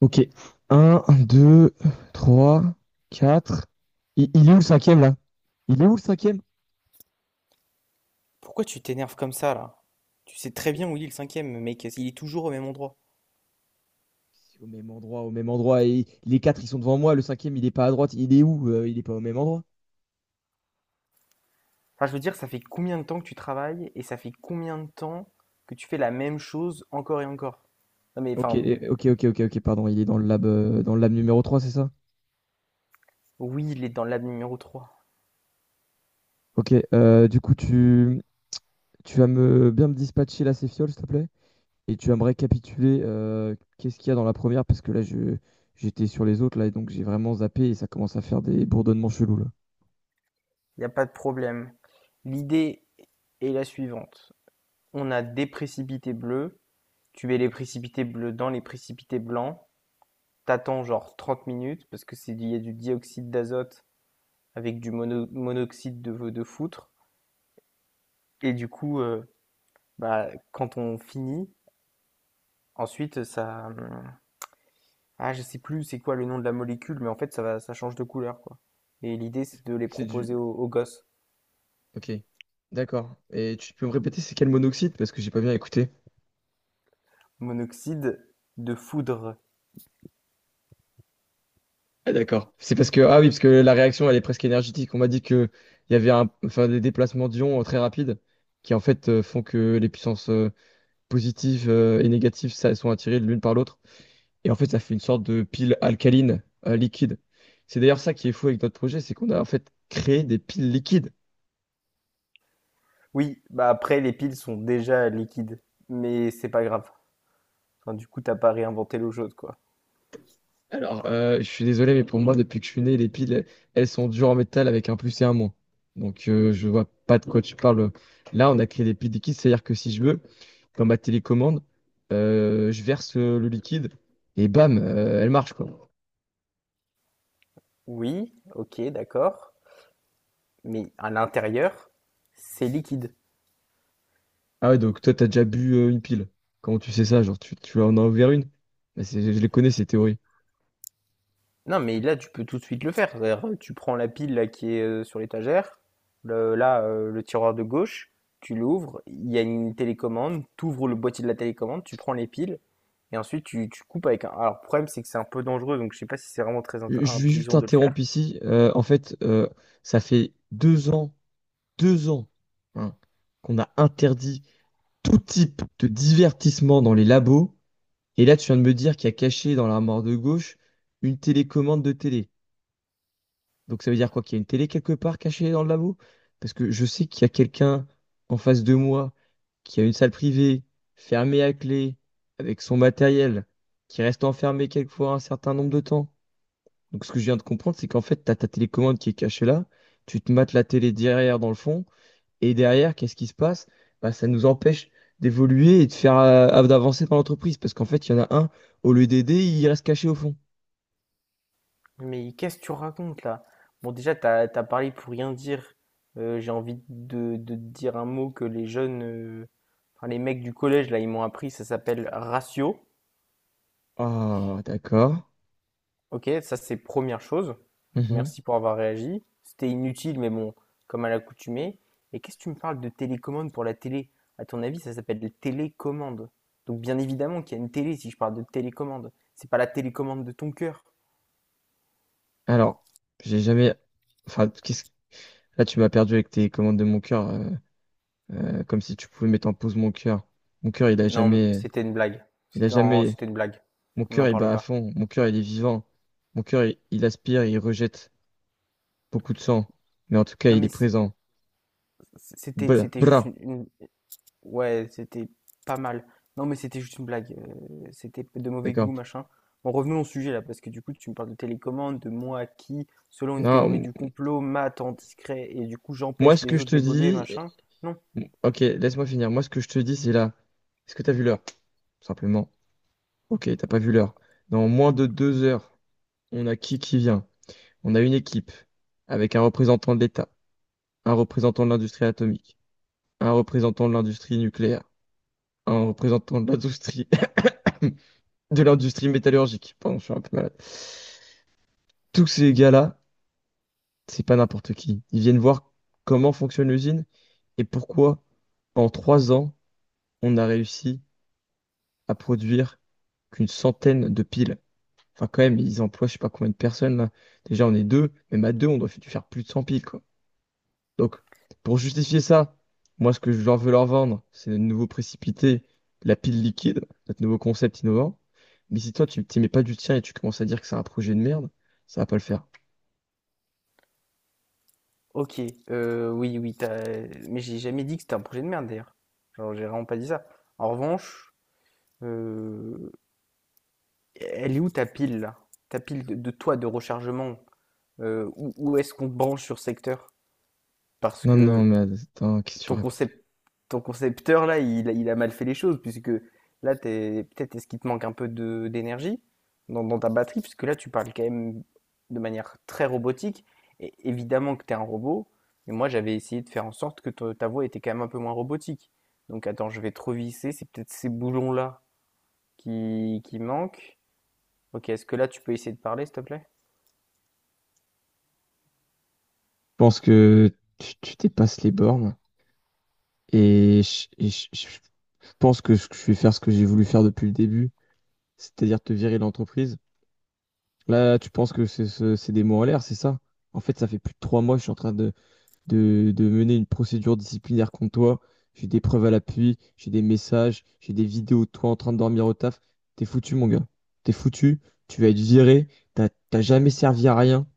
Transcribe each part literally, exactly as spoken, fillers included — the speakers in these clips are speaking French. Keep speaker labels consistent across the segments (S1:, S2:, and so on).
S1: Ok. Un, deux, trois, quatre. Il, il est où le cinquième là? Il est où le cinquième?
S2: Pourquoi tu t'énerves comme ça là? Tu sais très
S1: Mais
S2: bien où il est le cinquième, mec, il est toujours au même endroit.
S1: c'est au même endroit, au même endroit. Et les quatre, ils sont devant moi. Le cinquième, il est pas à droite. Il est où? Euh, il est pas au même endroit.
S2: Enfin, je veux dire, ça fait combien de temps que tu travailles et ça fait combien de temps que tu fais la même chose encore et encore? Non mais
S1: Ok,
S2: enfin,
S1: eh, ok, ok, ok, ok, pardon. Il est dans le lab, euh, dans le lab numéro trois, c'est ça?
S2: oui, il est dans l'ab numéro trois.
S1: Ok, euh, du coup, tu, tu vas me bien me dispatcher la céfiole, s'il te plaît. Et tu vas me récapituler euh, qu'est-ce qu'il y a dans la première, parce que là, je, j'étais sur les autres, là, et donc j'ai vraiment zappé et ça commence à faire des bourdonnements chelous, là.
S2: Il n'y a pas de problème. L'idée est la suivante. On a des précipités bleus. Tu mets les précipités bleus dans les précipités blancs. T'attends genre trente minutes parce que c'est, il y a du dioxyde d'azote avec du mono- monoxyde de, de foutre. Et du coup, euh, bah, quand on finit, ensuite ça, hum, ah, je sais plus c'est quoi le nom de la molécule, mais en fait ça va, ça change de couleur quoi. Et l'idée c'est de les
S1: C'est du...
S2: proposer aux, aux gosses.
S1: Ok, d'accord. Et tu peux me répéter, c'est quel monoxyde? Parce que j'ai pas bien écouté.
S2: Monoxyde de foudre.
S1: Ah, d'accord. C'est parce que... Ah oui, parce que la réaction, elle est presque énergétique. On m'a dit que il y avait un... enfin, des déplacements d'ions euh, très rapides qui, en fait, euh, font que les puissances euh, positives euh, et négatives ça, sont attirées l'une par l'autre. Et en fait, ça fait une sorte de pile alcaline euh, liquide. C'est d'ailleurs ça qui est fou avec notre projet, c'est qu'on a en fait créé des piles liquides.
S2: Oui, bah après les piles sont déjà liquides, mais c'est pas grave. Enfin, du coup t'as pas réinventé l'eau chaude quoi.
S1: Alors, euh, je suis désolé, mais pour moi, depuis que je suis né, les piles, elles sont dures en métal avec un plus et un moins. Donc, euh, je vois pas de quoi tu parles. Là, on a créé des piles liquides, c'est-à-dire que si je veux, dans ma télécommande, euh, je verse euh, le liquide et bam, euh, elle marche, quoi.
S2: Oui, ok, d'accord, mais à l'intérieur c'est liquide.
S1: Ah ouais, donc toi, t'as déjà bu euh, une pile. Comment tu sais ça? Genre, tu, tu en as ouvert une? Bah, c'est- je les connais, ces théories.
S2: Non, mais là, tu peux tout de suite le faire. C'est-à-dire, tu prends la pile là, qui est euh, sur l'étagère, le- là, euh, le tiroir de gauche, tu l'ouvres, il y a une télécommande, tu ouvres le boîtier de la télécommande, tu prends les piles, et ensuite tu, tu coupes avec un... Alors, le problème, c'est que c'est un peu dangereux, donc je sais pas si c'est vraiment très int-
S1: Je je vais juste
S2: intelligent de le faire.
S1: t'interrompre ici. Euh, en fait, euh, ça fait deux ans, deux ans, hein, qu'on a interdit tout type de divertissement dans les labos. Et là, tu viens de me dire qu'il y a caché dans l'armoire de gauche une télécommande de télé. Donc ça veut dire quoi? Qu'il y a une télé quelque part cachée dans le labo? Parce que je sais qu'il y a quelqu'un en face de moi qui a une salle privée, fermée à clé, avec son matériel, qui reste enfermé quelquefois un certain nombre de temps. Donc ce que je viens de comprendre, c'est qu'en fait, tu as ta télécommande qui est cachée là, tu te mates la télé derrière dans le fond, et derrière, qu'est-ce qui se passe? Bah, ça nous empêche d'évoluer et de faire euh, d'avancer par l'entreprise. Parce qu'en fait, il y en a un, au lieu d'aider, il reste caché au fond.
S2: Mais qu'est-ce que tu racontes là? Bon, déjà, t'as, t'as parlé pour rien dire. Euh, j'ai envie de, de te dire un mot que les jeunes, euh, enfin, les mecs du collège, là, ils m'ont appris, ça s'appelle ratio.
S1: Ah, d'accord.
S2: OK, ça c'est première chose. Donc
S1: Mhm.
S2: merci pour avoir réagi. C'était inutile, mais bon, comme à l'accoutumée. Et qu'est-ce que tu me parles de télécommande pour la télé? À ton avis, ça s'appelle la télécommande. Donc bien évidemment qu'il y a une télé si je parle de télécommande. C'est pas la télécommande de ton cœur.
S1: Alors, j'ai jamais. Enfin, qu'est-ce- là, tu m'as perdu avec tes commandes de mon cœur, euh, euh, comme si tu pouvais mettre en pause mon cœur. Mon cœur, il a
S2: Non, mais
S1: jamais.
S2: c'était une blague.
S1: Il a
S2: C'était non,
S1: jamais.
S2: c'était une blague.
S1: Mon
S2: On
S1: cœur,
S2: n'en
S1: il
S2: parle
S1: bat à
S2: pas.
S1: fond. Mon cœur, il est vivant. Mon cœur, il, il aspire, il rejette beaucoup de sang. Mais en tout cas,
S2: Non,
S1: il est
S2: mais c-
S1: présent.
S2: c'était
S1: Bla,
S2: c'était juste
S1: bra.
S2: une, une- Ouais, c'était pas mal. Non, mais c'était juste une blague. Euh, c'était de mauvais goût,
S1: D'accord.
S2: machin. Bon, revenons au sujet là, parce que du coup, tu me parles de télécommande, de moi qui, selon une théorie
S1: Non,
S2: du complot, mate en discret et du coup,
S1: moi,
S2: j'empêche
S1: ce que
S2: les
S1: je
S2: autres
S1: te
S2: d'évoluer,
S1: dis.
S2: machin. Non.
S1: Ok, laisse-moi finir. Moi, ce que je te dis, c'est là. Est-ce que t'as vu l'heure? Tout simplement. Ok, t'as pas vu l'heure. Dans moins de deux heures, on a qui qui vient? On a une équipe avec un représentant de l'État, un représentant de l'industrie atomique, un représentant de l'industrie nucléaire, un représentant de l'industrie de l'industrie métallurgique. Pardon, je suis un peu malade. Tous ces gars-là, c'est pas n'importe qui. Ils viennent voir comment fonctionne l'usine et pourquoi, en trois ans, on a réussi à produire qu'une centaine de piles. Enfin, quand même, ils emploient je sais pas combien de personnes là. Déjà, on est deux, même à deux, on doit f- faire plus de cent piles, quoi. Donc, pour justifier ça, moi, ce que je leur veux leur vendre, c'est de nouveau précipiter la pile liquide, notre nouveau concept innovant. Mais si toi, tu t'y mets pas du tien et tu commences à dire que c'est un projet de merde, ça va pas le faire.
S2: Ok, euh, oui, oui, t'as... mais j'ai jamais dit que c'était un projet de merde d'ailleurs. Genre, j'ai vraiment pas dit ça. En revanche, euh, elle est où ta pile là? Ta pile de, de toi de rechargement? Euh, où, où est-ce qu'on te branche sur secteur? Parce
S1: Non, non,
S2: que
S1: mais attends, qu'est-ce que tu
S2: ton
S1: racontes? Je
S2: concept, ton concepteur là, il, a- il a mal fait les choses puisque là, t'es, peut-être est-ce qu'il te manque un peu de, d'énergie dans, dans ta batterie puisque là, tu parles quand même de manière très robotique et évidemment que t'es un robot. Mais moi, j'avais essayé de faire en sorte que to- ta voix était quand même un peu moins robotique. Donc attends, je vais trop visser, c'est peut-être ces boulons là qui, qui manquent. Ok, est-ce que là, tu peux essayer de parler, s'il te plaît?
S1: pense que tu, tu dépasses les bornes et je, et je- je pense que je je vais faire ce que j'ai voulu faire depuis le début, c'est-à-dire te virer de l'entreprise. Là, tu penses que c'est ce- c'est des mots en l'air, c'est ça? En fait, ça fait plus de trois mois que je suis en train de, de, de mener une procédure disciplinaire contre toi. J'ai des preuves à l'appui, j'ai des messages, j'ai des vidéos de toi en train de dormir au taf. T'es foutu, mon gars. T'es foutu, tu vas être viré, t'as t'as jamais servi à rien.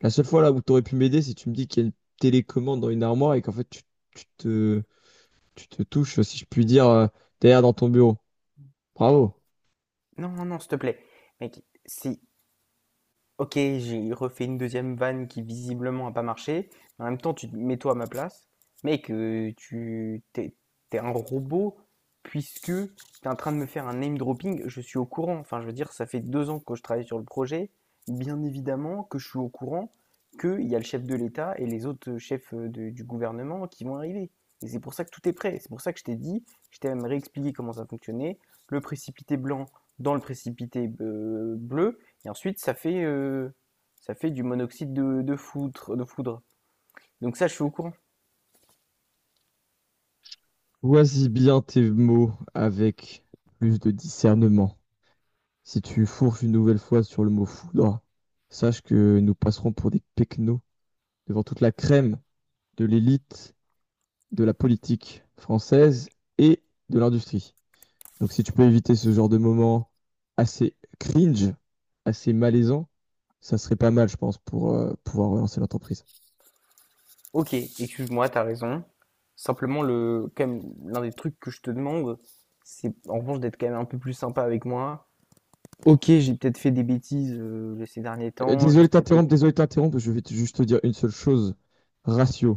S1: La seule fois là où tu aurais pu m'aider, c'est tu me dis qu'il y a une télécommande dans une armoire et qu'en fait tu, tu te, tu te touches, si je puis dire, euh, derrière dans ton bureau. Bravo.
S2: Non, non, non, s'il te plaît. Mec, c'est OK, j'ai refait une deuxième vanne qui visiblement a pas marché. En même temps, tu te mets-toi à ma place. Mec, heu, tu tu es un robot puisque t'es en train de me faire un name dropping, je suis au courant. Enfin, je veux dire, ça fait deux ans que je travaille sur le projet. Bien évidemment que je suis au courant qu'il y a le chef de l'État et les autres, chefs, euh, de du gouvernement qui vont arriver et c'est pour ça que tout est prêt. C'est pour ça que je t'ai dit, je t'ai même réexpliqué comment ça fonctionnait. Le précipité blanc dans le précipité, heu, bleu et ensuite, ça fait, euh, ça fait du monoxyde de, de, foudre, de foudre. Donc ça, je suis au courant.
S1: Choisis bien tes mots avec plus de discernement. Si tu fourches une nouvelle fois sur le mot foudre, sache que nous passerons pour des pecnos devant toute la crème de l'élite, de la politique française et de l'industrie. Donc si tu peux éviter ce genre de moment assez cringe, assez malaisant, ça serait pas mal, je pense, pour euh, pouvoir relancer l'entreprise.
S2: Ok, excuse-moi, t'as raison. Simplement, le, quand même, l'un des trucs que je te demande, c'est en revanche d'être quand même un peu plus sympa avec moi. Ok, j'ai peut-être fait des bêtises euh, ces derniers
S1: Euh,
S2: temps,
S1: désolé
S2: j'ai
S1: de
S2: peut-être
S1: t'interrompre,
S2: été...
S1: désolé de t'interrompre, je vais te- juste te dire une seule chose. Ratio.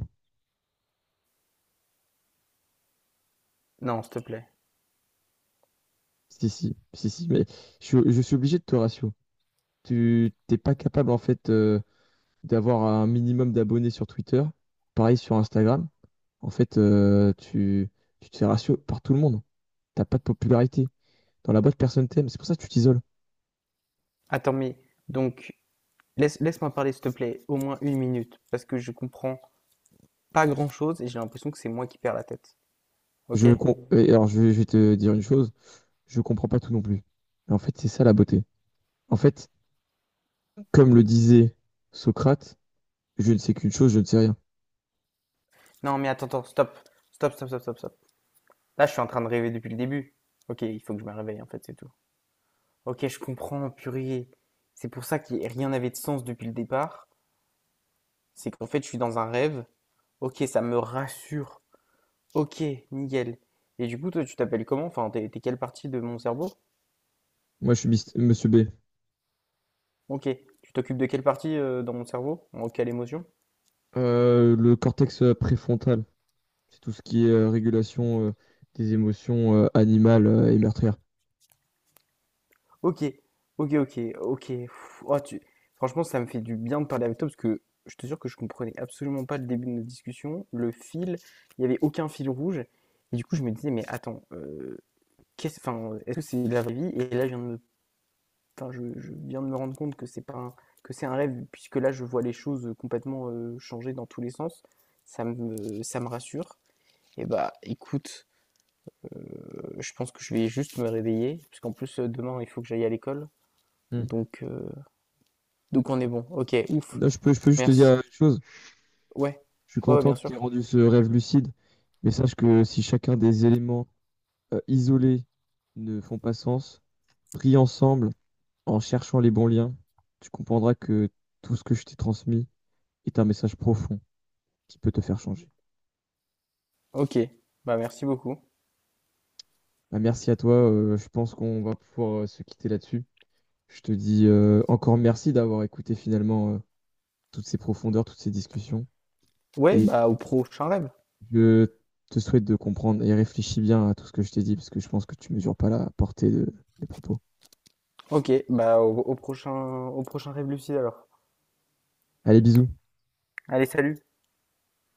S2: Non, s'il te plaît.
S1: Si, si, si, si, mais je, suis je suis obligé de te ratio. Tu t'es pas capable, en fait, euh, d'avoir un minimum d'abonnés sur Twitter, pareil sur Instagram. En fait, euh, tu, tu te fais ratio par tout le monde. T'as pas de popularité. Dans la boîte, personne t'aime. C'est pour ça que tu t'isoles.
S2: Attends, mais donc, laisse, laisse-moi parler, s'il te plaît, au moins une minute, parce que je comprends pas grand-chose et j'ai l'impression que c'est moi qui perds la tête. Ok?
S1: Je com- et alors, je vais, je vais te dire une chose, je comprends pas tout non plus. Mais en fait, c'est ça la beauté. En fait, comme le disait Socrate, je ne sais qu'une chose, je ne sais rien.
S2: Non, mais attends, attends, stop. Stop, stop, stop, stop, stop. Là, je suis en train de rêver depuis le début. Ok, il faut que je me réveille, en fait, c'est tout. Ok, je comprends, purée. C'est pour ça que rien n'avait de sens depuis le départ. C'est qu'en fait, je suis dans un rêve. Ok, ça me rassure. Ok, nickel. Et du coup, toi, tu t'appelles comment? Enfin, t'es t'es quelle partie de mon cerveau?
S1: Moi, je suis mis- Monsieur B.
S2: Ok. Tu t'occupes de quelle partie euh, dans mon cerveau? En quelle émotion?
S1: Euh, le cortex euh, préfrontal, c'est tout ce qui est euh, régulation euh, des émotions euh, animales euh, et meurtrières.
S2: OK. OK, OK, OK. Pff, oh, tu... Franchement, ça me fait du bien de parler avec toi parce que je te jure que je comprenais absolument pas le début de notre discussion. Le fil, il n'y avait aucun fil rouge. Et du coup, je me disais, mais attends, euh, qu'est-ce, enfin, est-ce que c'est la vraie vie? Et là, je viens de me, enfin, je, je viens de me rendre compte que c'est pas un- que c'est un rêve, puisque là, je vois les choses complètement euh, changer dans tous les sens. Ça me, ça me rassure. Et bah, écoute, euh, je pense que je vais juste me réveiller, parce qu'en plus, euh, demain, il faut que j'aille à l'école.
S1: Hmm.
S2: Donc, euh, donc on est bon. OK, ouf.
S1: Là, je peux, je peux juste te dire
S2: Merci.
S1: euh, une chose,
S2: Ouais.
S1: je suis
S2: Ouais, ouais,
S1: content
S2: bien
S1: qu'il ait
S2: sûr.
S1: rendu ce rêve lucide, mais sache que si chacun des éléments euh, isolés ne font pas sens, pris ensemble, en cherchant les bons liens, tu comprendras que tout ce que je t'ai transmis est un message profond qui peut te faire changer.
S2: OK. Bah merci beaucoup.
S1: Bah, merci à toi, euh, je pense qu'on va pouvoir euh, se quitter là-dessus. Je te dis euh, encore merci d'avoir écouté finalement euh, toutes ces profondeurs, toutes ces discussions.
S2: Ouais,
S1: Et
S2: bah au prochain rêve.
S1: je te souhaite de comprendre et réfléchis bien à tout ce que je t'ai dit, parce que je pense que tu mesures pas la portée de- des propos.
S2: OK, bah au, au prochain au prochain rêve lucide alors.
S1: Allez, bisous.
S2: Allez, salut.